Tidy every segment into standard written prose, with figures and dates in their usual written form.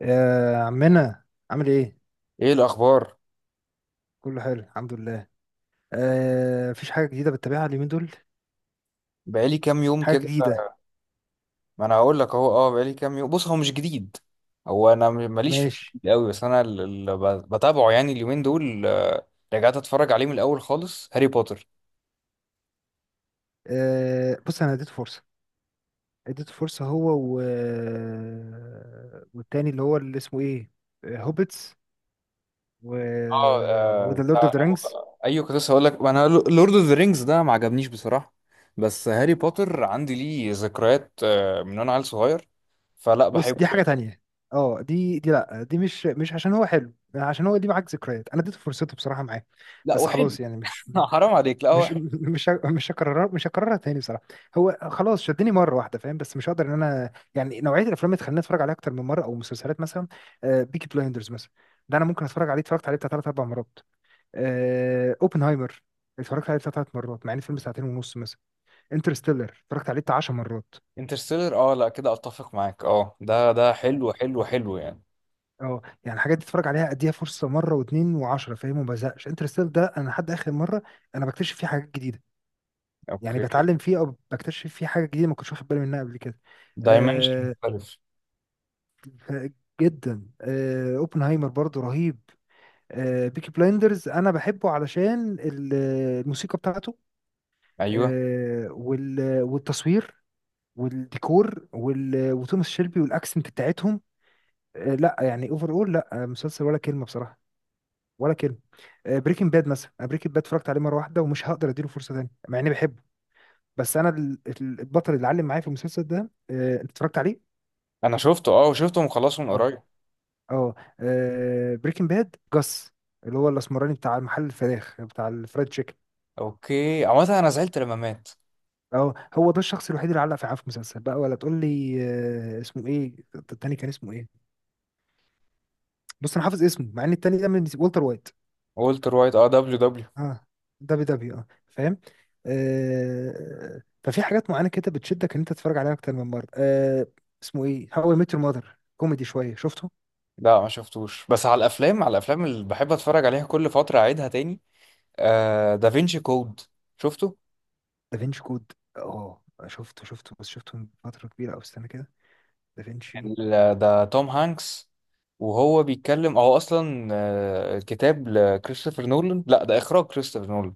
يا عمنا، عامل ايه؟ ايه الاخبار؟ كله حلو الحمد لله. آه، مفيش حاجة جديدة بتتابعها اليومين دول؟ بقالي كام يوم حاجة كده. جديدة. ما انا هقول لك اهو. اه بقالي كام يوم. بص، هو مش جديد. هو انا ماليش في ماشي. الجديد قوي، بس انا اللي بتابعه يعني اليومين دول، رجعت اتفرج عليه من الاول خالص، هاري بوتر. آه بص، انا اديته فرصة. اديته فرصة هو و... آه، والتاني اللي هو اللي اسمه ايه؟ هوبيتس و... وذا لورد اوف ذا رينجز. ايوه، كنت لسه هقول لك انا. لورد اوف ذا رينجز ده ما عجبنيش بصراحه، بس هاري بوتر عندي ليه ذكريات من وانا عيل صغير، فلا بص بحبه دي حاجة يعني. تانية. اه دي لا، دي مش عشان هو حلو، عشان هو دي معاك ذكريات. انا اديته فرصته بصراحة معاه لا بس وحلو خلاص، يعني مش حرام عليك. لا هو. مش مش ه- مش هكررها مش هكررها تاني بصراحه. هو خلاص شدني مره واحده فاهم، بس مش هقدر ان انا يعني نوعيه الافلام اللي تخليني اتفرج عليها اكتر من مره او مسلسلات مثلا. بيكي بلايندرز مثلا، ده انا ممكن اتفرج عليه. اتفرجت عليه بتاع ثلاث اربع مرات. اوبنهايمر اتفرجت عليه بتاع ثلاث مرات، مع ان الفيلم ساعتين ونص مثلا. انترستيلر اتفرجت عليه بتاع 10 مرات. انترستيلر، اه لا كده اتفق معاك. اه ده يعني حلو حلو حلو يعني. اه يعني الحاجات دي اتفرج عليها، اديها فرصه مره واثنين وعشرة فاهم، وما بزهقش. انترستيلر ده انا لحد اخر مره انا بكتشف فيه حاجات جديده، يعني اوكي. بتعلم فيه او بكتشف فيه حاجه جديده ما كنتش واخد بالي منها قبل كده. دايمنشن آه مختلف. ف- جدا. اوبنهايمر برضو رهيب. بيكي بلايندرز انا بحبه علشان الموسيقى بتاعته. ايوه. والتصوير والديكور وتوماس شيلبي والاكسنت بتاعتهم. آه لا، يعني اوفر اول، لا مسلسل ولا كلمه بصراحه، ولا كلمه. بريكنج باد مثلا، انا بريكنج باد اتفرجت عليه مره واحده ومش هقدر اديله فرصه تانيه مع اني بحبه. بس انا البطل اللي علم معايا في المسلسل ده انت اتفرجت عليه. انا شفته، اه، وشفته مخلصه من اه، قريب. اه، بريكنج باد جاس، اللي هو الاسمراني بتاع محل الفراخ بتاع الفرايد تشيكن. اوكي. عامة انا زعلت لما مات. اه هو ده الشخص الوحيد اللي علق في، عارف مسلسل بقى ولا تقول لي. اسمه ايه التاني، كان اسمه ايه؟ بص انا حافظ اسمه، مع ان التاني ده من والتر وايت. والتر وايت، اه، دبليو دبليو. اه دبي دبي، اه فاهم. آه ففي حاجات معينه كده بتشدك ان انت تتفرج عليها اكتر من مره آه. اسمه ايه هاو اي ميت يور ماذر، كوميدي شويه شفته. لا ما شفتوش. بس على الافلام، على الافلام اللي بحب اتفرج عليها كل فترة اعيدها تاني. آه دافينشي كود، شفته. دافينشي كود، اه شفته. شفته بس شفته من فتره كبيره. او استنى كده، دافينشي. ده توم هانكس وهو بيتكلم. هو اصلا كتاب لكريستوفر نولان. لا ده اخراج كريستوفر نولان.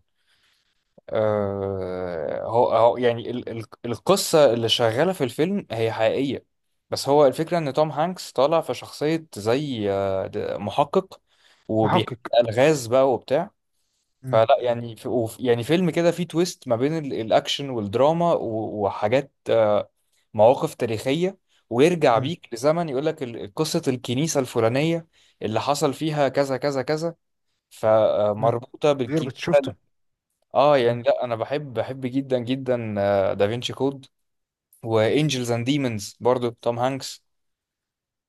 هو يعني القصة اللي شغالة في الفيلم هي حقيقية. بس هو الفكرة إن توم هانكس طالع في شخصية زي محقق، وبيحل محقق. ألغاز بقى وبتاع. مم. فلا مم. يعني في يعني فيلم كده فيه تويست ما بين الأكشن والدراما وحاجات، مواقف تاريخية، ويرجع مم. بيك لزمن يقول لك قصة الكنيسة الفلانية اللي حصل فيها كذا كذا كذا، مم. فمربوطة غير بالكنيسة. شفته. اه مم. يعني لا، انا بحب جدا جدا دافينشي كود. وانجلز اند ديمونز، برضو توم هانكس.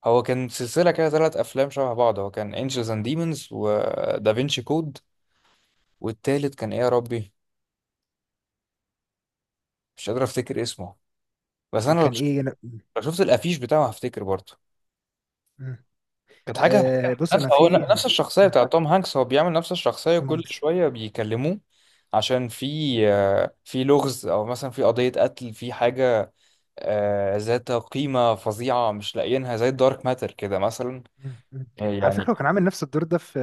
هو كان سلسله كده ثلاث افلام شبه بعض، هو كان انجلز اند ديمونز ودافينشي كود. والتالت كان ايه يا ربي، مش قادر افتكر اسمه. بس انا كان ايه لو شفت الافيش بتاعه هفتكر برضو. مم. كانت حاجه آه بص نفس. انا هو في. نفس الشخصيه آه. بتاع توم هانكس، هو بيعمل نفس الشخصيه توم كل هانكس. شويه بيكلموه عشان في لغز، او مثلا في قضيه قتل، في حاجه ذات قيمة فظيعة مش لاقيينها، زي الدارك ماتر كده مثلا مم. مم. على يعني. فكره هو كان عامل نفس الدور ده في،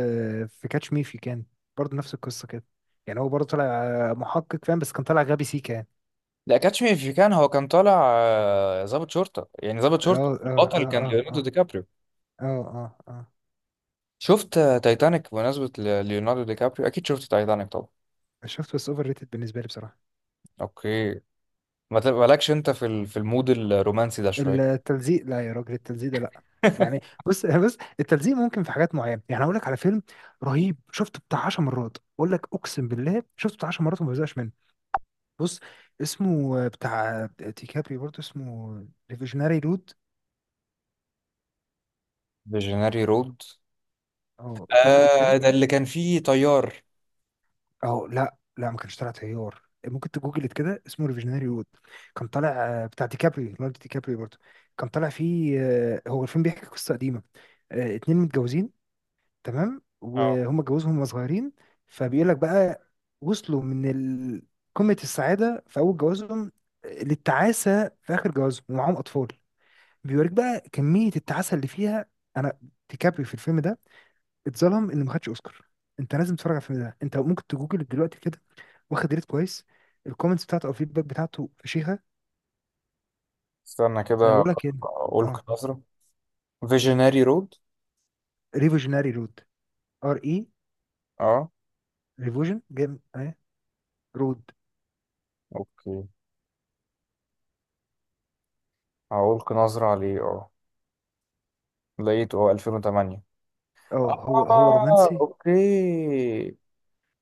في كاتش مي في كان. برضه نفس القصه كده، يعني هو برضه طلع محقق فاهم، بس كان طالع غبي سيكا يعني. لا، كاتش مي إف يو كان، هو كان طالع ضابط شرطة، يعني ضابط شرطة، اه اه البطل كان اه، ليوناردو اه دي كابريو. اه اه، اه شفت تايتانيك؟ بمناسبة ليوناردو دي كابريو، أكيد شفت تايتانيك طبعا. اه. شفته، بس اوفر ريتد بالنسبه لي بصراحه. أوكي. ما تبقالكش أنت في المود الرومانسي ده شوية؟ التلزيق لا يا راجل، التلزيق ده لا. يعني بص بص، التلزيق ممكن في حاجات معينه، يعني اقول لك على فيلم رهيب شفته بتاع 10 مرات، اقول لك اقسم بالله شفته بتاع 10 مرات وما بزهقش منه. بص، اسمه بتاع ديكابري برضه، اسمه ريفيجناري رود. فيجنري رود. اه جوجلت آه كده. ده اللي كان فيه طيار. اه لا لا، ما كانش طالع تيار، ممكن تجوجلت كده اسمه ريفيجناري رود. كان طالع بتاع ديكابري، ليوناردو ديكابري برضه. كان طالع فيه هو الفيلم بيحكي قصه قديمه، اتنين متجوزين، تمام، اه وهم اتجوزهم وهم صغيرين. فبيقول لك بقى وصلوا من قمة السعادة في أول جوازهم للتعاسة في آخر جوازهم ومعاهم أطفال. بيوريك بقى كمية التعاسة اللي فيها. أنا، ديكابري في الفيلم ده اتظلم إنه ما خدش أوسكار. أنت لازم تتفرج على الفيلم ده. أنت ممكن تجوجل دلوقتي كده، واخد ريت كويس، الكومنتس بتاعته أو الفيدباك بتاعته فشيخة. استنى أه، كده، بقول لك إيه. ألقي أه، نظرة. فيجنري رود، ريفوجيناري رود. ار إي، اه. ريفوجن جيم أه، رود. أوكي هألقي نظرة عليه، اه. لقيته، اه، 2008. أه. هو هو اه رومانسي، اوكي.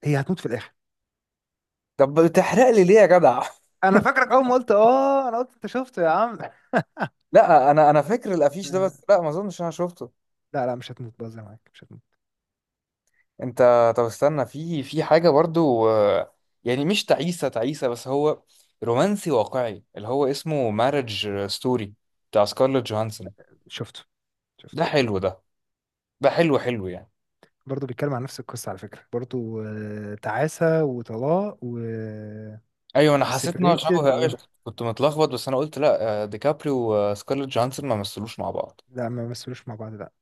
هي هتموت في الآخر. طب بتحرق لي ليه يا جدع؟ انا فاكرك اول ما قلت اه، انا قلت انت شفته يا عم. لا انا، فاكر الافيش ده، آه، بس لا ما اظنش انا شفته. لا لا، مش هتموت، بهزر معاك، مش هتموت. انت طب استنى، في حاجه برضو، يعني مش تعيسه تعيسه، بس هو رومانسي واقعي اللي هو اسمه مارج ستوري، بتاع سكارلوت جوهانسون. شفته، ده شفته. حلو ده، ده حلو حلو يعني. برضه بيتكلم عن نفس القصة على فكرة برضه، تعاسة وطلاق ايوه انا حسيت ان هو شبه وسيبريتد قوي، كنت متلخبط. بس انا قلت لا، ديكابريو وسكارلوت جوهانسون ما مثلوش مع بعض. لا ما مثلوش مع بعض، لا.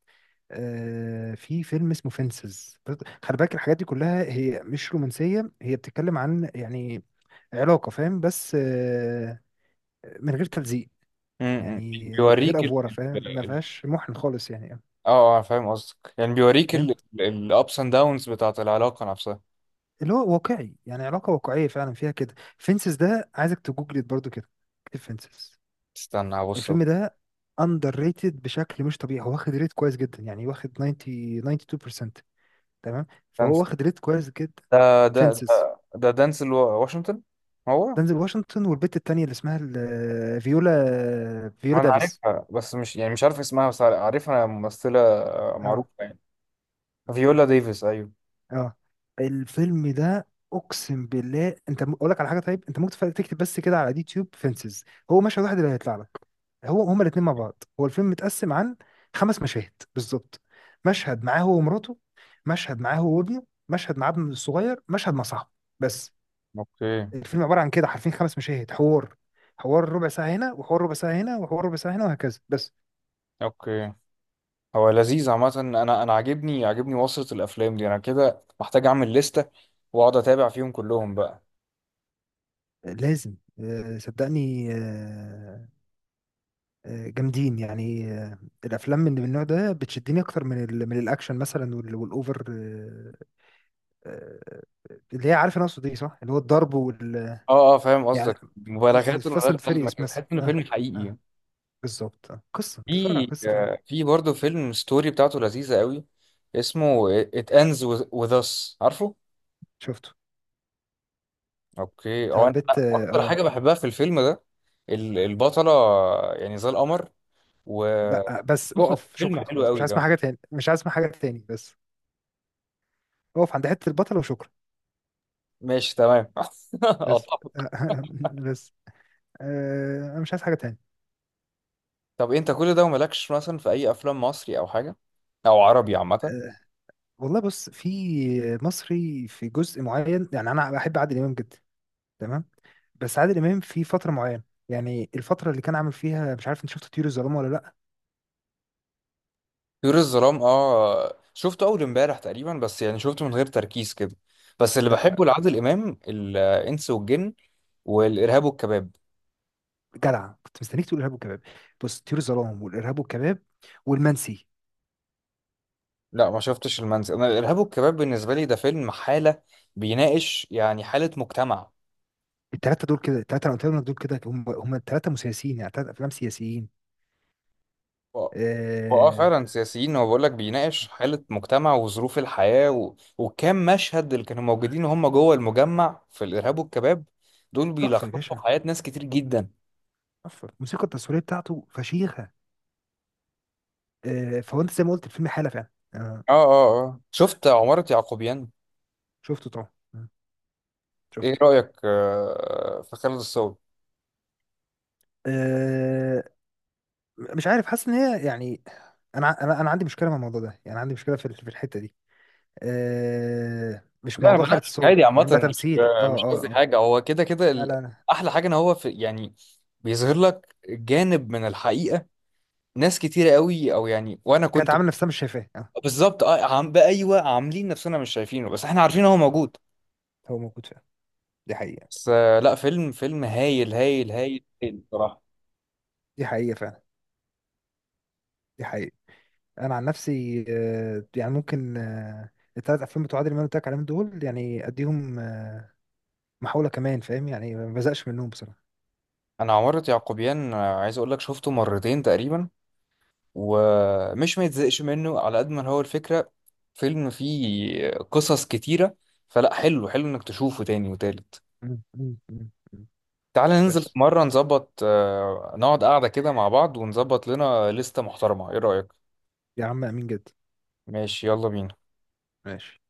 في فيلم اسمه فينسز. خلي بالك الحاجات دي كلها هي مش رومانسية، هي بتتكلم عن يعني علاقة، فاهم، بس من غير تلزيق، م- م. يعني من غير بيوريك. أفورة، فاهم، ما فيهاش محن خالص يعني. اه اه فاهم قصدك، يعني بيوريك. فاهم، الابس اند داونز بتاعت العلاقة نفسها. اللي هو واقعي، يعني علاقة واقعية فعلا فيها كده. فينسز ده عايزك تجوجلت برضو كده، اكتب فينسز. استنى هبص. الفيلم ده اندر ريتد بشكل مش طبيعي، هو واخد ريت كويس جدا، يعني واخد 90، 92% تمام. فهو دانس، واخد ريت كويس جدا. فينسز، ده دانس واشنطن. هو دنزل واشنطن والبت التانية اللي اسمها فيولا، فيولا انا دافيس. عارفها، بس مش يعني مش عارف اسمها، بس عارفها ممثلة اه، معروفة يعني. فيولا ديفيس، ايوه. اه. الفيلم ده اقسم بالله، انت اقول لك على حاجه، طيب انت ممكن تكتب بس كده على اليوتيوب فينسز، هو مشهد واحد اللي هيطلع لك. هو هما الاثنين مع بعض، هو الفيلم متقسم عن خمس مشاهد بالظبط. مشهد معاه هو ومراته، مشهد معاه هو وابنه، مشهد مع ابنه الصغير، مشهد مع صاحبه، بس. اوكي. الفيلم عباره عن كده حرفيا خمس مشاهد حوار. حوار ربع ساعه هنا، وحوار ربع ساعه هنا، وحوار ربع ساعه هنا، وهكذا بس. اوكي هو لذيذ. عامة انا عاجبني وصلة الافلام دي، انا كده محتاج اعمل لستة واقعد اتابع فيهم كلهم بقى. لازم آه، صدقني آه، آه، جامدين يعني آه. الافلام من النوع ده بتشدني اكتر من ال، من الاكشن مثلا، والاوفر آه، اللي هي، عارف انا اقصد ايه صح، اللي هو الضرب وال، اه اه فاهم يعني قصدك، مبالغات فاست ملهاش اند لازمة، فيريوس كده تحس مثلا. ان اه، فيلم اه، حقيقي. بالظبط. آه. قصه، انت بتتفرج على في قصه فعلا. برضه فيلم ستوري بتاعته لذيذة قوي، اسمه It Ends With Us. عارفه؟ شفته، اوكي بتاع هو انا البيت، اه. اكتر آه. حاجة بحبها في الفيلم ده البطلة، يعني زي القمر. و لا بس اقف فيلم شكرا حلو خلاص، مش قوي عايز كمان. اسمع حاجه تاني، مش عايز اسمع حاجه تاني بس. اقف عند حته البطل وشكرا. ماشي تمام. بس طب. آه، بس انا مش عايز حاجه تاني. طب انت كل ده ومالكش مثلا في اي افلام مصري او حاجة، او عربي عامة؟ آه، والله بص في مصري في جزء معين، يعني انا بحب عادل امام جدا، تمام. بس عادل امام في فتره معينه، يعني الفتره اللي كان عامل فيها. مش عارف انت شفت طيور الظلام ولا لا. طيور الظلام، اه شفته اول امبارح تقريبا، بس يعني شفته من غير تركيز كده. بس اللي لا بحبه لعادل امام الانس والجن والارهاب والكباب. جدع، كنت مستنيك تقول ارهاب والكباب. بص طيور الظلام والارهاب والكباب والمنسي. لا ما شفتش المنزل. انا الارهاب والكباب بالنسبه لي ده فيلم حاله، بيناقش يعني حاله مجتمع. الثلاثه دول كده، الثلاثه انا قلت لك دول كده هم هم، الثلاثه مسيسيين، يعني ثلاث افلام سياسيين. و- واه آه، فعلا سياسيين. هو بيقول لك بيناقش حاله مجتمع وظروف الحياه وكم مشهد اللي كانوا موجودين وهم جوه المجمع في الارهاب والكباب، دول تحفه يا بيلخصوا باشا، حياه ناس كتير جدا. تحفه. الموسيقى التصويريه بتاعته فشيخه فهو انت زي ما قلت الفيلم حاله فعلا آه. اه اه اه شفت عماره يعقوبيان؟ شفته طبعا آه، ايه شفته. رايك في خالد الصاوي؟ آه، مش عارف، حاسس ان هي يعني. انا انا عندي مشكله مع الموضوع ده، يعني عندي مشكله في في الحته دي. أه مش لا انا موضوع حاره بناقش الصوت عادي عامه فاهم، ده مش، تمثيل اه مش اه قصدي اه. حاجه، هو كده كده لا لا لا. احلى حاجه ان هو في يعني بيظهر لك جانب من الحقيقه، ناس كتيره قوي، او يعني وانا كانت كنت. عامله نفسها مش شايفاه اه. بالظبط اه. عم بقى، ايوه عاملين نفسنا مش شايفينه، بس احنا عارفين هو موجود. هو موجود فعلا، دي حقيقه، بس لا، فيلم هايل هايل هايل هايل بصراحه. دي حقيقه فعلا، دي حقيقه. انا عن نفسي أه يعني ممكن أه، الثلاث افلام بتوع عادل امام اللي قلت لك عليهم دول يعني اديهم محاوله كمان فاهم، يعني ما بزقش منهم بصراحه. انا عمارة يعقوبيان عايز اقول لك شفته مرتين تقريبا، ومش ما يتزهقش منه على قد ما هو الفكره، فيلم فيه قصص كتيره، فلا حلو، حلو انك تشوفه تاني وتالت. مم، مم، مم، مم. تعالى ننزل في بس. مرة نظبط، نقعد قاعدة كده مع بعض ونظبط لنا لستة محترمة. ايه رأيك؟ يا عم امين جدا. ماشي يلا بينا. ماشي.